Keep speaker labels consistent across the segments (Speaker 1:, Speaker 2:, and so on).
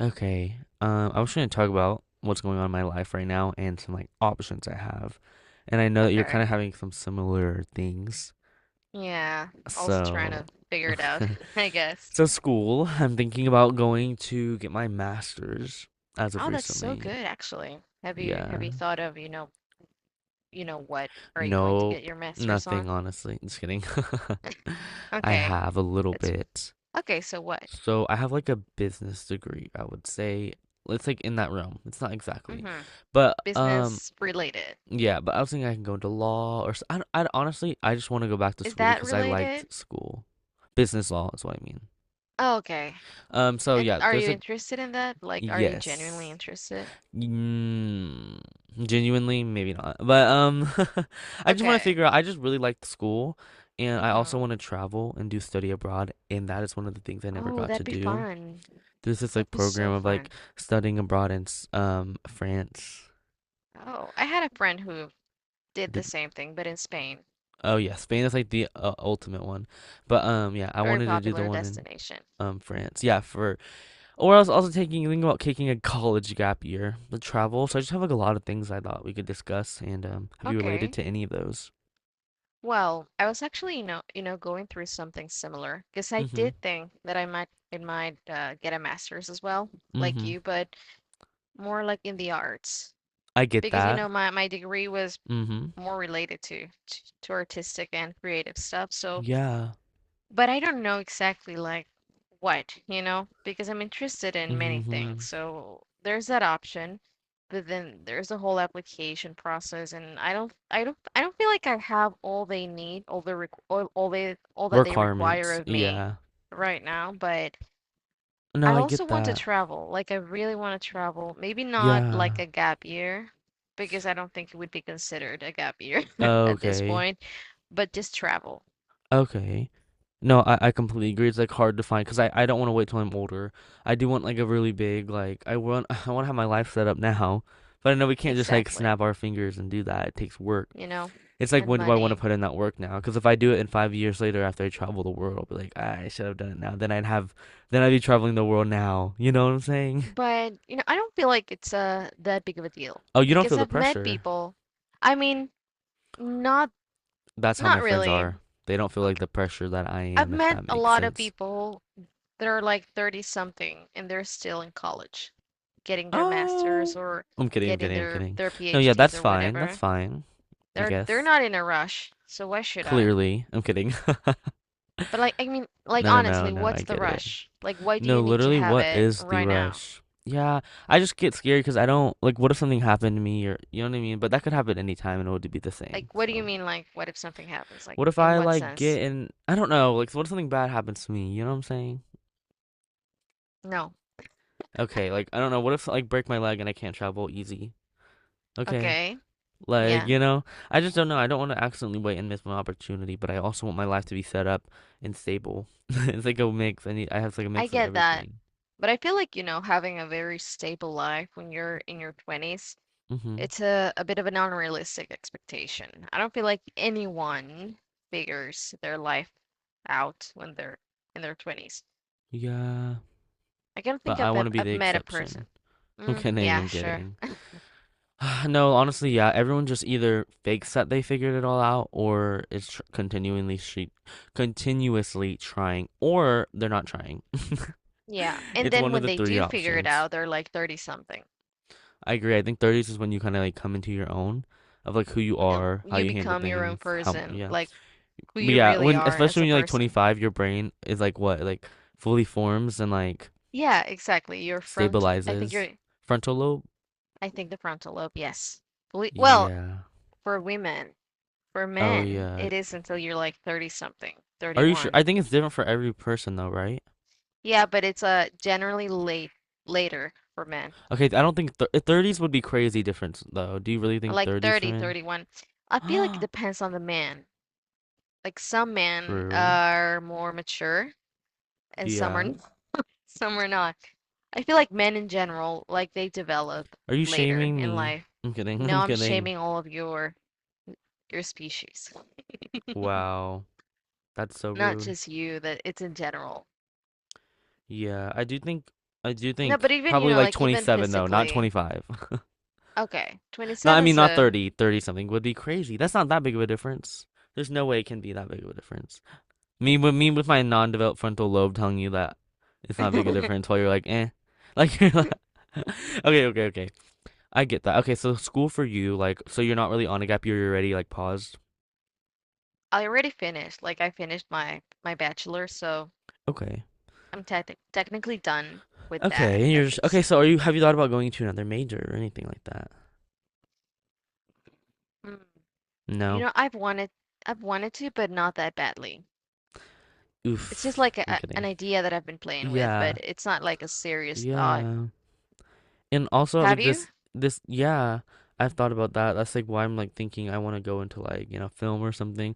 Speaker 1: Okay. I was going to talk about what's going on in my life right now and some like options I have. And I know that you're kind
Speaker 2: Okay.
Speaker 1: of having some similar things.
Speaker 2: Yeah. Also trying
Speaker 1: So,
Speaker 2: to figure it out, I guess.
Speaker 1: so school, I'm thinking about going to get my master's as of
Speaker 2: Oh, that's so
Speaker 1: recently.
Speaker 2: good, actually. Have you
Speaker 1: Yeah.
Speaker 2: thought of, you know what are you going to get
Speaker 1: Nope.
Speaker 2: your master's
Speaker 1: Nothing,
Speaker 2: on?
Speaker 1: honestly. Just kidding. I
Speaker 2: Okay.
Speaker 1: have a little
Speaker 2: That's
Speaker 1: bit.
Speaker 2: okay, so what?
Speaker 1: So, I have like a business degree, I would say. It's like in that realm. It's not exactly.
Speaker 2: Mm-hmm.
Speaker 1: But
Speaker 2: Business related.
Speaker 1: Yeah, but I was thinking I can go into law or s- I d- honestly I just want to go back to
Speaker 2: Is
Speaker 1: school
Speaker 2: that
Speaker 1: because I liked
Speaker 2: related?
Speaker 1: school. Business law is what I mean.
Speaker 2: Oh, okay.
Speaker 1: So
Speaker 2: And
Speaker 1: yeah,
Speaker 2: are
Speaker 1: there's
Speaker 2: you
Speaker 1: like
Speaker 2: interested in that? Like, are you genuinely
Speaker 1: yes,
Speaker 2: interested?
Speaker 1: mm, genuinely maybe not, but I just want to
Speaker 2: Okay.
Speaker 1: figure out. I just really liked school, and I also
Speaker 2: Mm-hmm.
Speaker 1: want to travel and do study abroad, and that is one of the things I never
Speaker 2: Oh,
Speaker 1: got to
Speaker 2: that'd be
Speaker 1: do.
Speaker 2: fun.
Speaker 1: There's this like
Speaker 2: That'd be
Speaker 1: program
Speaker 2: so
Speaker 1: of like
Speaker 2: fun.
Speaker 1: studying abroad in France.
Speaker 2: Oh, I had a friend who did the same thing, but in Spain.
Speaker 1: Oh yeah, Spain is like the ultimate one. But yeah, I
Speaker 2: Very
Speaker 1: wanted to do the
Speaker 2: popular
Speaker 1: one in
Speaker 2: destination.
Speaker 1: France. Yeah, for or I was also taking thinking about taking a college gap year, the travel. So I just have like a lot of things I thought we could discuss and have you related
Speaker 2: Okay.
Speaker 1: to any of those?
Speaker 2: Well, I was actually, going through something similar because I did
Speaker 1: Mhm.
Speaker 2: think that it might get a master's as well, like
Speaker 1: Mhm.
Speaker 2: you, but more like in the arts
Speaker 1: I get
Speaker 2: because
Speaker 1: that.
Speaker 2: my degree was
Speaker 1: Mhm.
Speaker 2: more related to to artistic and creative stuff. So
Speaker 1: Yeah.
Speaker 2: but I don't know exactly like what, because I'm interested in many things.
Speaker 1: Mhm.
Speaker 2: So there's that option, but then there's the whole application process, and I don't feel like I have all they need, all that they require
Speaker 1: Requirements.
Speaker 2: of me
Speaker 1: Yeah.
Speaker 2: right now. But
Speaker 1: No,
Speaker 2: I
Speaker 1: I
Speaker 2: also
Speaker 1: get
Speaker 2: want to
Speaker 1: that.
Speaker 2: travel. Like I really want to travel. Maybe not like
Speaker 1: Yeah.
Speaker 2: a gap year. Because I don't think it would be considered a gap year at this
Speaker 1: Okay.
Speaker 2: point, but just travel.
Speaker 1: Okay. No, I completely agree. It's like hard to find because I don't want to wait till I'm older. I do want like a really big like I want I want to have my life set up now, but I know we can't just like
Speaker 2: Exactly.
Speaker 1: snap our fingers and do that. It takes work.
Speaker 2: You know,
Speaker 1: It's like
Speaker 2: and
Speaker 1: when do I want to
Speaker 2: money.
Speaker 1: put in that work now? Because if I do it in 5 years later after I travel the world, I'll be like, "Ah, I should have done it now. Then I'd have then I'd be traveling the world now. You know what I'm saying?"
Speaker 2: But, I don't feel like it's that big of a deal
Speaker 1: Oh, you don't feel
Speaker 2: because
Speaker 1: the
Speaker 2: I've met
Speaker 1: pressure.
Speaker 2: people. I mean, not
Speaker 1: That's how my friends
Speaker 2: really.
Speaker 1: are. They don't feel like
Speaker 2: Okay.
Speaker 1: the pressure that I
Speaker 2: I've
Speaker 1: am, if
Speaker 2: met
Speaker 1: that
Speaker 2: a
Speaker 1: makes
Speaker 2: lot of
Speaker 1: sense.
Speaker 2: people that are like 30 something and they're still in college, getting their masters
Speaker 1: Oh,
Speaker 2: or
Speaker 1: I'm kidding. I'm
Speaker 2: getting
Speaker 1: kidding. I'm
Speaker 2: their
Speaker 1: kidding.
Speaker 2: their
Speaker 1: No, yeah,
Speaker 2: PhDs
Speaker 1: that's
Speaker 2: or
Speaker 1: fine. That's
Speaker 2: whatever.
Speaker 1: fine. I
Speaker 2: They're
Speaker 1: guess.
Speaker 2: not in a rush, so why should I?
Speaker 1: Clearly, I'm kidding.
Speaker 2: But like, I mean, like
Speaker 1: No, no, no,
Speaker 2: honestly,
Speaker 1: no. I
Speaker 2: what's the
Speaker 1: get it.
Speaker 2: rush? Like, why do
Speaker 1: No,
Speaker 2: you need to
Speaker 1: literally,
Speaker 2: have
Speaker 1: what
Speaker 2: it
Speaker 1: is the
Speaker 2: right now?
Speaker 1: rush? Yeah, I just get scared because I don't like. What if something happened to me, or you know what I mean? But that could happen anytime, and it would be the same.
Speaker 2: Like, what do you
Speaker 1: So,
Speaker 2: mean? Like, what if something happens? Like,
Speaker 1: what if
Speaker 2: in
Speaker 1: I
Speaker 2: what
Speaker 1: like
Speaker 2: sense?
Speaker 1: get in? I don't know. Like, what if something bad happens to me? You know what I'm saying?
Speaker 2: No.
Speaker 1: Okay, like I don't know. What if like break my leg and I can't travel easy? Okay,
Speaker 2: Okay.
Speaker 1: like,
Speaker 2: Yeah,
Speaker 1: you know, I just don't know. I don't want to accidentally wait and miss my opportunity, but I also want my life to be set up and stable. It's like a mix. I have like a
Speaker 2: I
Speaker 1: mix of
Speaker 2: get that.
Speaker 1: everything.
Speaker 2: But I feel like, having a very stable life when you're in your 20s,
Speaker 1: Hmm
Speaker 2: it's a bit of an unrealistic expectation. I don't feel like anyone figures their life out when they're in their 20s.
Speaker 1: Yeah.
Speaker 2: I can't think
Speaker 1: But I
Speaker 2: of
Speaker 1: want
Speaker 2: I've
Speaker 1: to be the
Speaker 2: I've met a person.
Speaker 1: exception. I'm
Speaker 2: Mm,
Speaker 1: kidding,
Speaker 2: yeah,
Speaker 1: I'm
Speaker 2: sure.
Speaker 1: kidding. No, honestly, yeah, everyone just either fakes that they figured it all out or is tr continually she continuously trying or they're not trying.
Speaker 2: Yeah. And
Speaker 1: It's
Speaker 2: then
Speaker 1: one of
Speaker 2: when
Speaker 1: the
Speaker 2: they
Speaker 1: three
Speaker 2: do figure it
Speaker 1: options.
Speaker 2: out, they're like 30 something.
Speaker 1: I agree. I think 30s is when you kind of like come into your own of like who you
Speaker 2: You know,
Speaker 1: are, how
Speaker 2: you
Speaker 1: you handle
Speaker 2: become your own
Speaker 1: things, how
Speaker 2: person.
Speaker 1: yeah.
Speaker 2: Like, who
Speaker 1: But
Speaker 2: you
Speaker 1: yeah,
Speaker 2: really
Speaker 1: when
Speaker 2: are
Speaker 1: especially
Speaker 2: as a
Speaker 1: when you're like
Speaker 2: person.
Speaker 1: 25, your brain is like what? Like fully forms and like
Speaker 2: Yeah, exactly.
Speaker 1: stabilizes. Frontal lobe?
Speaker 2: I think the frontal lobe, yes. Well,
Speaker 1: Yeah.
Speaker 2: for women, for
Speaker 1: Oh
Speaker 2: men,
Speaker 1: yeah.
Speaker 2: it is until you're like 30 something,
Speaker 1: Are you sure?
Speaker 2: 31.
Speaker 1: I think it's different for every person though, right?
Speaker 2: Yeah, but it's generally later for men.
Speaker 1: Okay, I don't think th 30s would be crazy different though. Do you really think
Speaker 2: Like
Speaker 1: 30s for
Speaker 2: 30,
Speaker 1: men?
Speaker 2: 31. I feel like it depends on the man. Like some men
Speaker 1: True.
Speaker 2: are more mature and some are
Speaker 1: Yeah.
Speaker 2: not- some are not. I feel like men in general, like they develop
Speaker 1: Are you
Speaker 2: later
Speaker 1: shaming
Speaker 2: in
Speaker 1: me?
Speaker 2: life.
Speaker 1: I'm kidding.
Speaker 2: No,
Speaker 1: I'm
Speaker 2: I'm
Speaker 1: kidding.
Speaker 2: shaming all of your species,
Speaker 1: Wow. That's so
Speaker 2: not
Speaker 1: rude.
Speaker 2: just you, that it's in general.
Speaker 1: Yeah, I do think I do
Speaker 2: No,
Speaker 1: think
Speaker 2: but even,
Speaker 1: probably like
Speaker 2: like even
Speaker 1: 27 though, not
Speaker 2: physically.
Speaker 1: 25.
Speaker 2: Okay,
Speaker 1: No, I
Speaker 2: 27,
Speaker 1: mean not
Speaker 2: so
Speaker 1: 30, 30 something would be crazy. That's not that big of a difference. There's no way it can be that big of a difference. Me with my non-developed frontal lobe telling you that it's not big a difference while you're like, "Eh." Like you're like Okay, okay, okay. I get that. Okay, so school for you like so you're not really on a gap year, you're already like paused.
Speaker 2: I already finished. Like I finished my bachelor, so
Speaker 1: Okay.
Speaker 2: I'm technically done with
Speaker 1: Okay,
Speaker 2: that
Speaker 1: and you're
Speaker 2: at
Speaker 1: just okay,
Speaker 2: least.
Speaker 1: so are you have you thought about going to another major or anything like that?
Speaker 2: Mm. You
Speaker 1: No.
Speaker 2: know, I've wanted to, but not that badly. It's just
Speaker 1: Oof.
Speaker 2: like
Speaker 1: I'm
Speaker 2: an
Speaker 1: kidding.
Speaker 2: idea that I've been playing with,
Speaker 1: Yeah.
Speaker 2: but it's not like a serious thought.
Speaker 1: Yeah. And also
Speaker 2: Have
Speaker 1: like
Speaker 2: you?
Speaker 1: this yeah, I've thought about that. That's like why I'm like thinking I want to go into like, you know, film or something,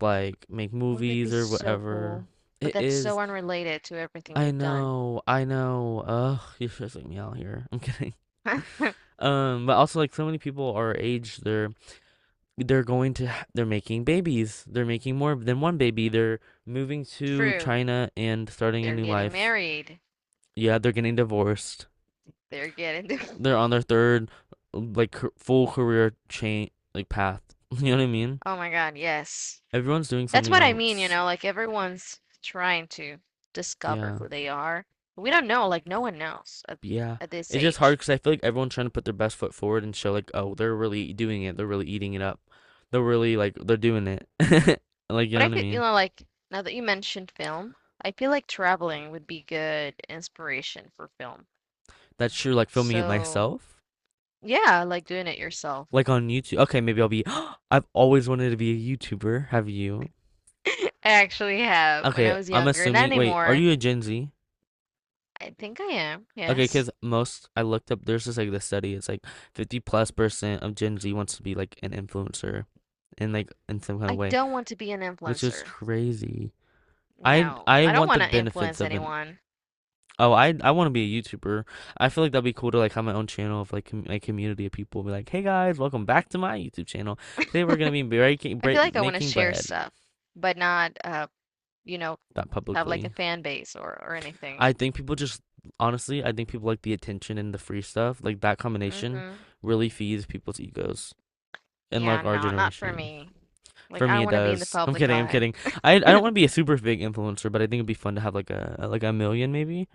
Speaker 1: like make
Speaker 2: Oh, that'd
Speaker 1: movies
Speaker 2: be
Speaker 1: or
Speaker 2: so
Speaker 1: whatever.
Speaker 2: cool. But
Speaker 1: It
Speaker 2: that's
Speaker 1: is.
Speaker 2: so unrelated to everything
Speaker 1: I
Speaker 2: you've done.
Speaker 1: know. I know. Ugh, you're stressing me out here. I'm kidding. But also like so many people our age, they're going to ha- they're making babies. They're making more than one baby. They're moving to
Speaker 2: True.
Speaker 1: China and starting a
Speaker 2: They're
Speaker 1: new
Speaker 2: getting
Speaker 1: life.
Speaker 2: married.
Speaker 1: Yeah, they're getting divorced.
Speaker 2: They're getting divorced.
Speaker 1: They're on their third like full career chain like path. You know what I mean?
Speaker 2: Oh my God, yes.
Speaker 1: Everyone's doing
Speaker 2: That's
Speaker 1: something
Speaker 2: what I mean,
Speaker 1: else.
Speaker 2: like everyone's trying to discover
Speaker 1: Yeah.
Speaker 2: who they are. We don't know, like no one knows
Speaker 1: Yeah.
Speaker 2: at this
Speaker 1: It's just
Speaker 2: age.
Speaker 1: hard because I feel like everyone's trying to put their best foot forward and show like, oh, they're really doing it. They're really eating it up. They're really like they're doing it. Like you
Speaker 2: But
Speaker 1: know
Speaker 2: I
Speaker 1: what I
Speaker 2: feel,
Speaker 1: mean?
Speaker 2: like now that you mentioned film, I feel like traveling would be good inspiration for film.
Speaker 1: That's true. Like filming it
Speaker 2: So,
Speaker 1: myself,
Speaker 2: yeah, I like doing it yourself.
Speaker 1: like on YouTube. Okay, maybe I'll be. I've always wanted to be a YouTuber. Have you?
Speaker 2: I actually have when I
Speaker 1: Okay,
Speaker 2: was
Speaker 1: I'm
Speaker 2: younger, not
Speaker 1: assuming. Wait, are
Speaker 2: anymore.
Speaker 1: you a Gen Z?
Speaker 2: I think I am,
Speaker 1: Okay,
Speaker 2: yes.
Speaker 1: because most I looked up, there's just like this study. It's like 50+% of Gen Z wants to be like an influencer in like in some kind of
Speaker 2: I
Speaker 1: way,
Speaker 2: don't want to be an
Speaker 1: which is
Speaker 2: influencer.
Speaker 1: crazy. I
Speaker 2: No,
Speaker 1: I
Speaker 2: I don't
Speaker 1: want
Speaker 2: want
Speaker 1: the
Speaker 2: to
Speaker 1: benefits
Speaker 2: influence
Speaker 1: of an
Speaker 2: anyone.
Speaker 1: oh, I want to be a YouTuber. I feel like that'd be cool to like have my own channel of like a community of people be like, "Hey guys, welcome back to my YouTube channel. Today we're gonna be
Speaker 2: I feel like I want to
Speaker 1: making
Speaker 2: share
Speaker 1: bread,"
Speaker 2: stuff, but not you know,
Speaker 1: not
Speaker 2: have like a
Speaker 1: publicly.
Speaker 2: fan base or anything.
Speaker 1: I think people just honestly, I think people like the attention and the free stuff. Like that combination
Speaker 2: Mm-hmm.
Speaker 1: really feeds people's egos in
Speaker 2: Yeah,
Speaker 1: like our
Speaker 2: no, not for
Speaker 1: generation.
Speaker 2: me. Like
Speaker 1: For
Speaker 2: I
Speaker 1: me,
Speaker 2: don't
Speaker 1: it
Speaker 2: want to be in the
Speaker 1: does. I'm
Speaker 2: public
Speaker 1: kidding. I'm
Speaker 2: eye.
Speaker 1: kidding. I don't want to be a super big influencer, but I think it'd be fun to have like a million maybe.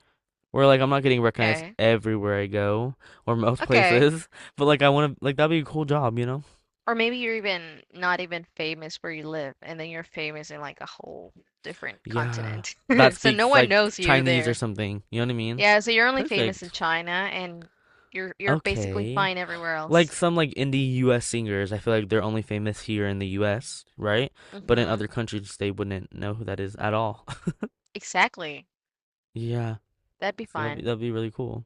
Speaker 1: Where like I'm not getting recognized
Speaker 2: Okay.
Speaker 1: everywhere I go or most
Speaker 2: Okay.
Speaker 1: places, but like I want to like that'd be a cool job, you know?
Speaker 2: Or maybe you're even not even famous where you live, and then you're famous in like a whole different
Speaker 1: Yeah,
Speaker 2: continent.
Speaker 1: that
Speaker 2: So no
Speaker 1: speaks
Speaker 2: one
Speaker 1: like
Speaker 2: knows you
Speaker 1: Chinese or
Speaker 2: there.
Speaker 1: something. You know what I mean?
Speaker 2: Yeah, so you're only famous in
Speaker 1: Perfect.
Speaker 2: China and you're basically
Speaker 1: Okay.
Speaker 2: fine everywhere
Speaker 1: Like
Speaker 2: else.
Speaker 1: some like indie US singers, I feel like they're only famous here in the US, right? But in
Speaker 2: Mm-hmm.
Speaker 1: other countries, they wouldn't know who that is at all.
Speaker 2: Exactly.
Speaker 1: Yeah,
Speaker 2: That'd be
Speaker 1: so
Speaker 2: fun.
Speaker 1: that'd be really cool.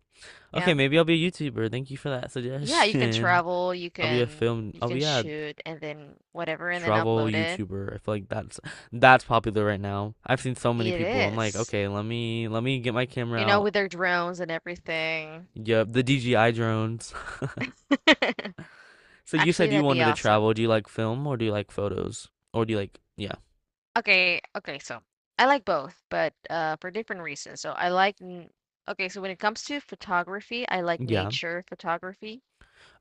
Speaker 2: Yeah.
Speaker 1: Okay, maybe I'll be a YouTuber. Thank you for that
Speaker 2: Yeah, you can
Speaker 1: suggestion.
Speaker 2: travel,
Speaker 1: I'll be a film.
Speaker 2: you
Speaker 1: I'll
Speaker 2: can
Speaker 1: be a
Speaker 2: shoot and then whatever and then
Speaker 1: travel
Speaker 2: upload it.
Speaker 1: YouTuber. I feel like that's popular right now. I've seen so many
Speaker 2: It
Speaker 1: people. I'm like,
Speaker 2: is.
Speaker 1: okay, let me get my camera
Speaker 2: You know,
Speaker 1: out.
Speaker 2: with their drones and everything.
Speaker 1: Yep, the DJI drones. So you
Speaker 2: Actually,
Speaker 1: said you
Speaker 2: that'd be
Speaker 1: wanted to
Speaker 2: awesome.
Speaker 1: travel. Do you like film or do you like photos? Or do you like, yeah.
Speaker 2: Okay, okay, so I like both, but for different reasons. So okay, so when it comes to photography, I like
Speaker 1: Yeah.
Speaker 2: nature photography.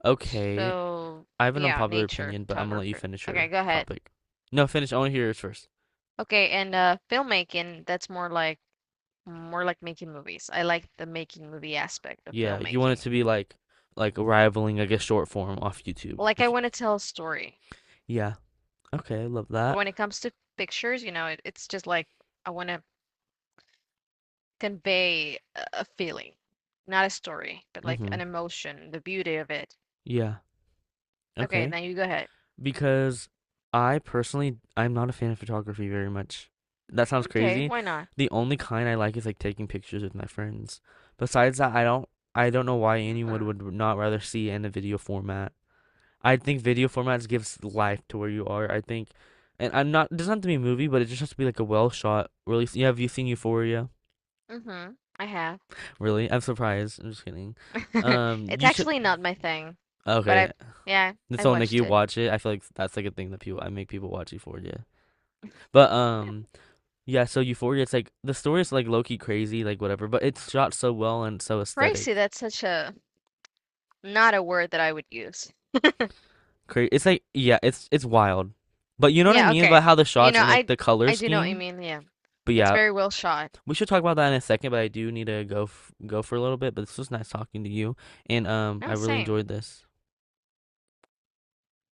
Speaker 1: Okay.
Speaker 2: So,
Speaker 1: I have an
Speaker 2: yeah,
Speaker 1: unpopular
Speaker 2: nature
Speaker 1: opinion, but I'm gonna let you
Speaker 2: photographer.
Speaker 1: finish
Speaker 2: Okay,
Speaker 1: your
Speaker 2: go ahead.
Speaker 1: topic. No, finish. I want to hear yours first.
Speaker 2: Okay, and filmmaking, that's more like making movies. I like the making movie aspect of
Speaker 1: Yeah, you want it
Speaker 2: filmmaking.
Speaker 1: to be like rivaling, I guess, short form off YouTube.
Speaker 2: Like I
Speaker 1: If you,
Speaker 2: want to tell a story.
Speaker 1: yeah. Okay, I love
Speaker 2: But
Speaker 1: that.
Speaker 2: when it comes to pictures, it's just like I want to convey a feeling, not a story, but like an
Speaker 1: Mhm.
Speaker 2: emotion, the beauty of it.
Speaker 1: Yeah.
Speaker 2: Okay,
Speaker 1: Okay.
Speaker 2: now you go ahead.
Speaker 1: Because I personally I'm not a fan of photography very much. That sounds
Speaker 2: Okay,
Speaker 1: crazy.
Speaker 2: why not?
Speaker 1: The only kind I like is like taking pictures with my friends. Besides that, I don't know why anyone
Speaker 2: Mm,
Speaker 1: would not rather see in a video format. I think video formats gives life to where you are. I think and I'm not it doesn't have to be a movie, but it just has to be like a well shot really. Yeah, have you seen Euphoria?
Speaker 2: mm-hmm. I have.
Speaker 1: Really? I'm surprised. I'm just kidding.
Speaker 2: It's
Speaker 1: You should
Speaker 2: actually not my thing, but I
Speaker 1: Okay,
Speaker 2: yeah, I
Speaker 1: so like
Speaker 2: watched
Speaker 1: you
Speaker 2: it.
Speaker 1: watch it, I feel like that's like a thing that people I make people watch Euphoria. But yeah, so Euphoria, it's like the story is like low key crazy, like whatever, but it's shot so well and so
Speaker 2: Crazy,
Speaker 1: aesthetic.
Speaker 2: that's such a not a word that I would use.
Speaker 1: It's like yeah, it's wild. But you know what I
Speaker 2: Yeah,
Speaker 1: mean about
Speaker 2: okay.
Speaker 1: how the
Speaker 2: You
Speaker 1: shots
Speaker 2: know,
Speaker 1: and like
Speaker 2: I
Speaker 1: the color
Speaker 2: I do know what you
Speaker 1: scheme?
Speaker 2: mean. Yeah.
Speaker 1: But
Speaker 2: It's
Speaker 1: yeah,
Speaker 2: very well shot.
Speaker 1: we should talk about that in a second, but I do need to go for a little bit, but this was nice talking to you and I
Speaker 2: No,
Speaker 1: really
Speaker 2: same.
Speaker 1: enjoyed this.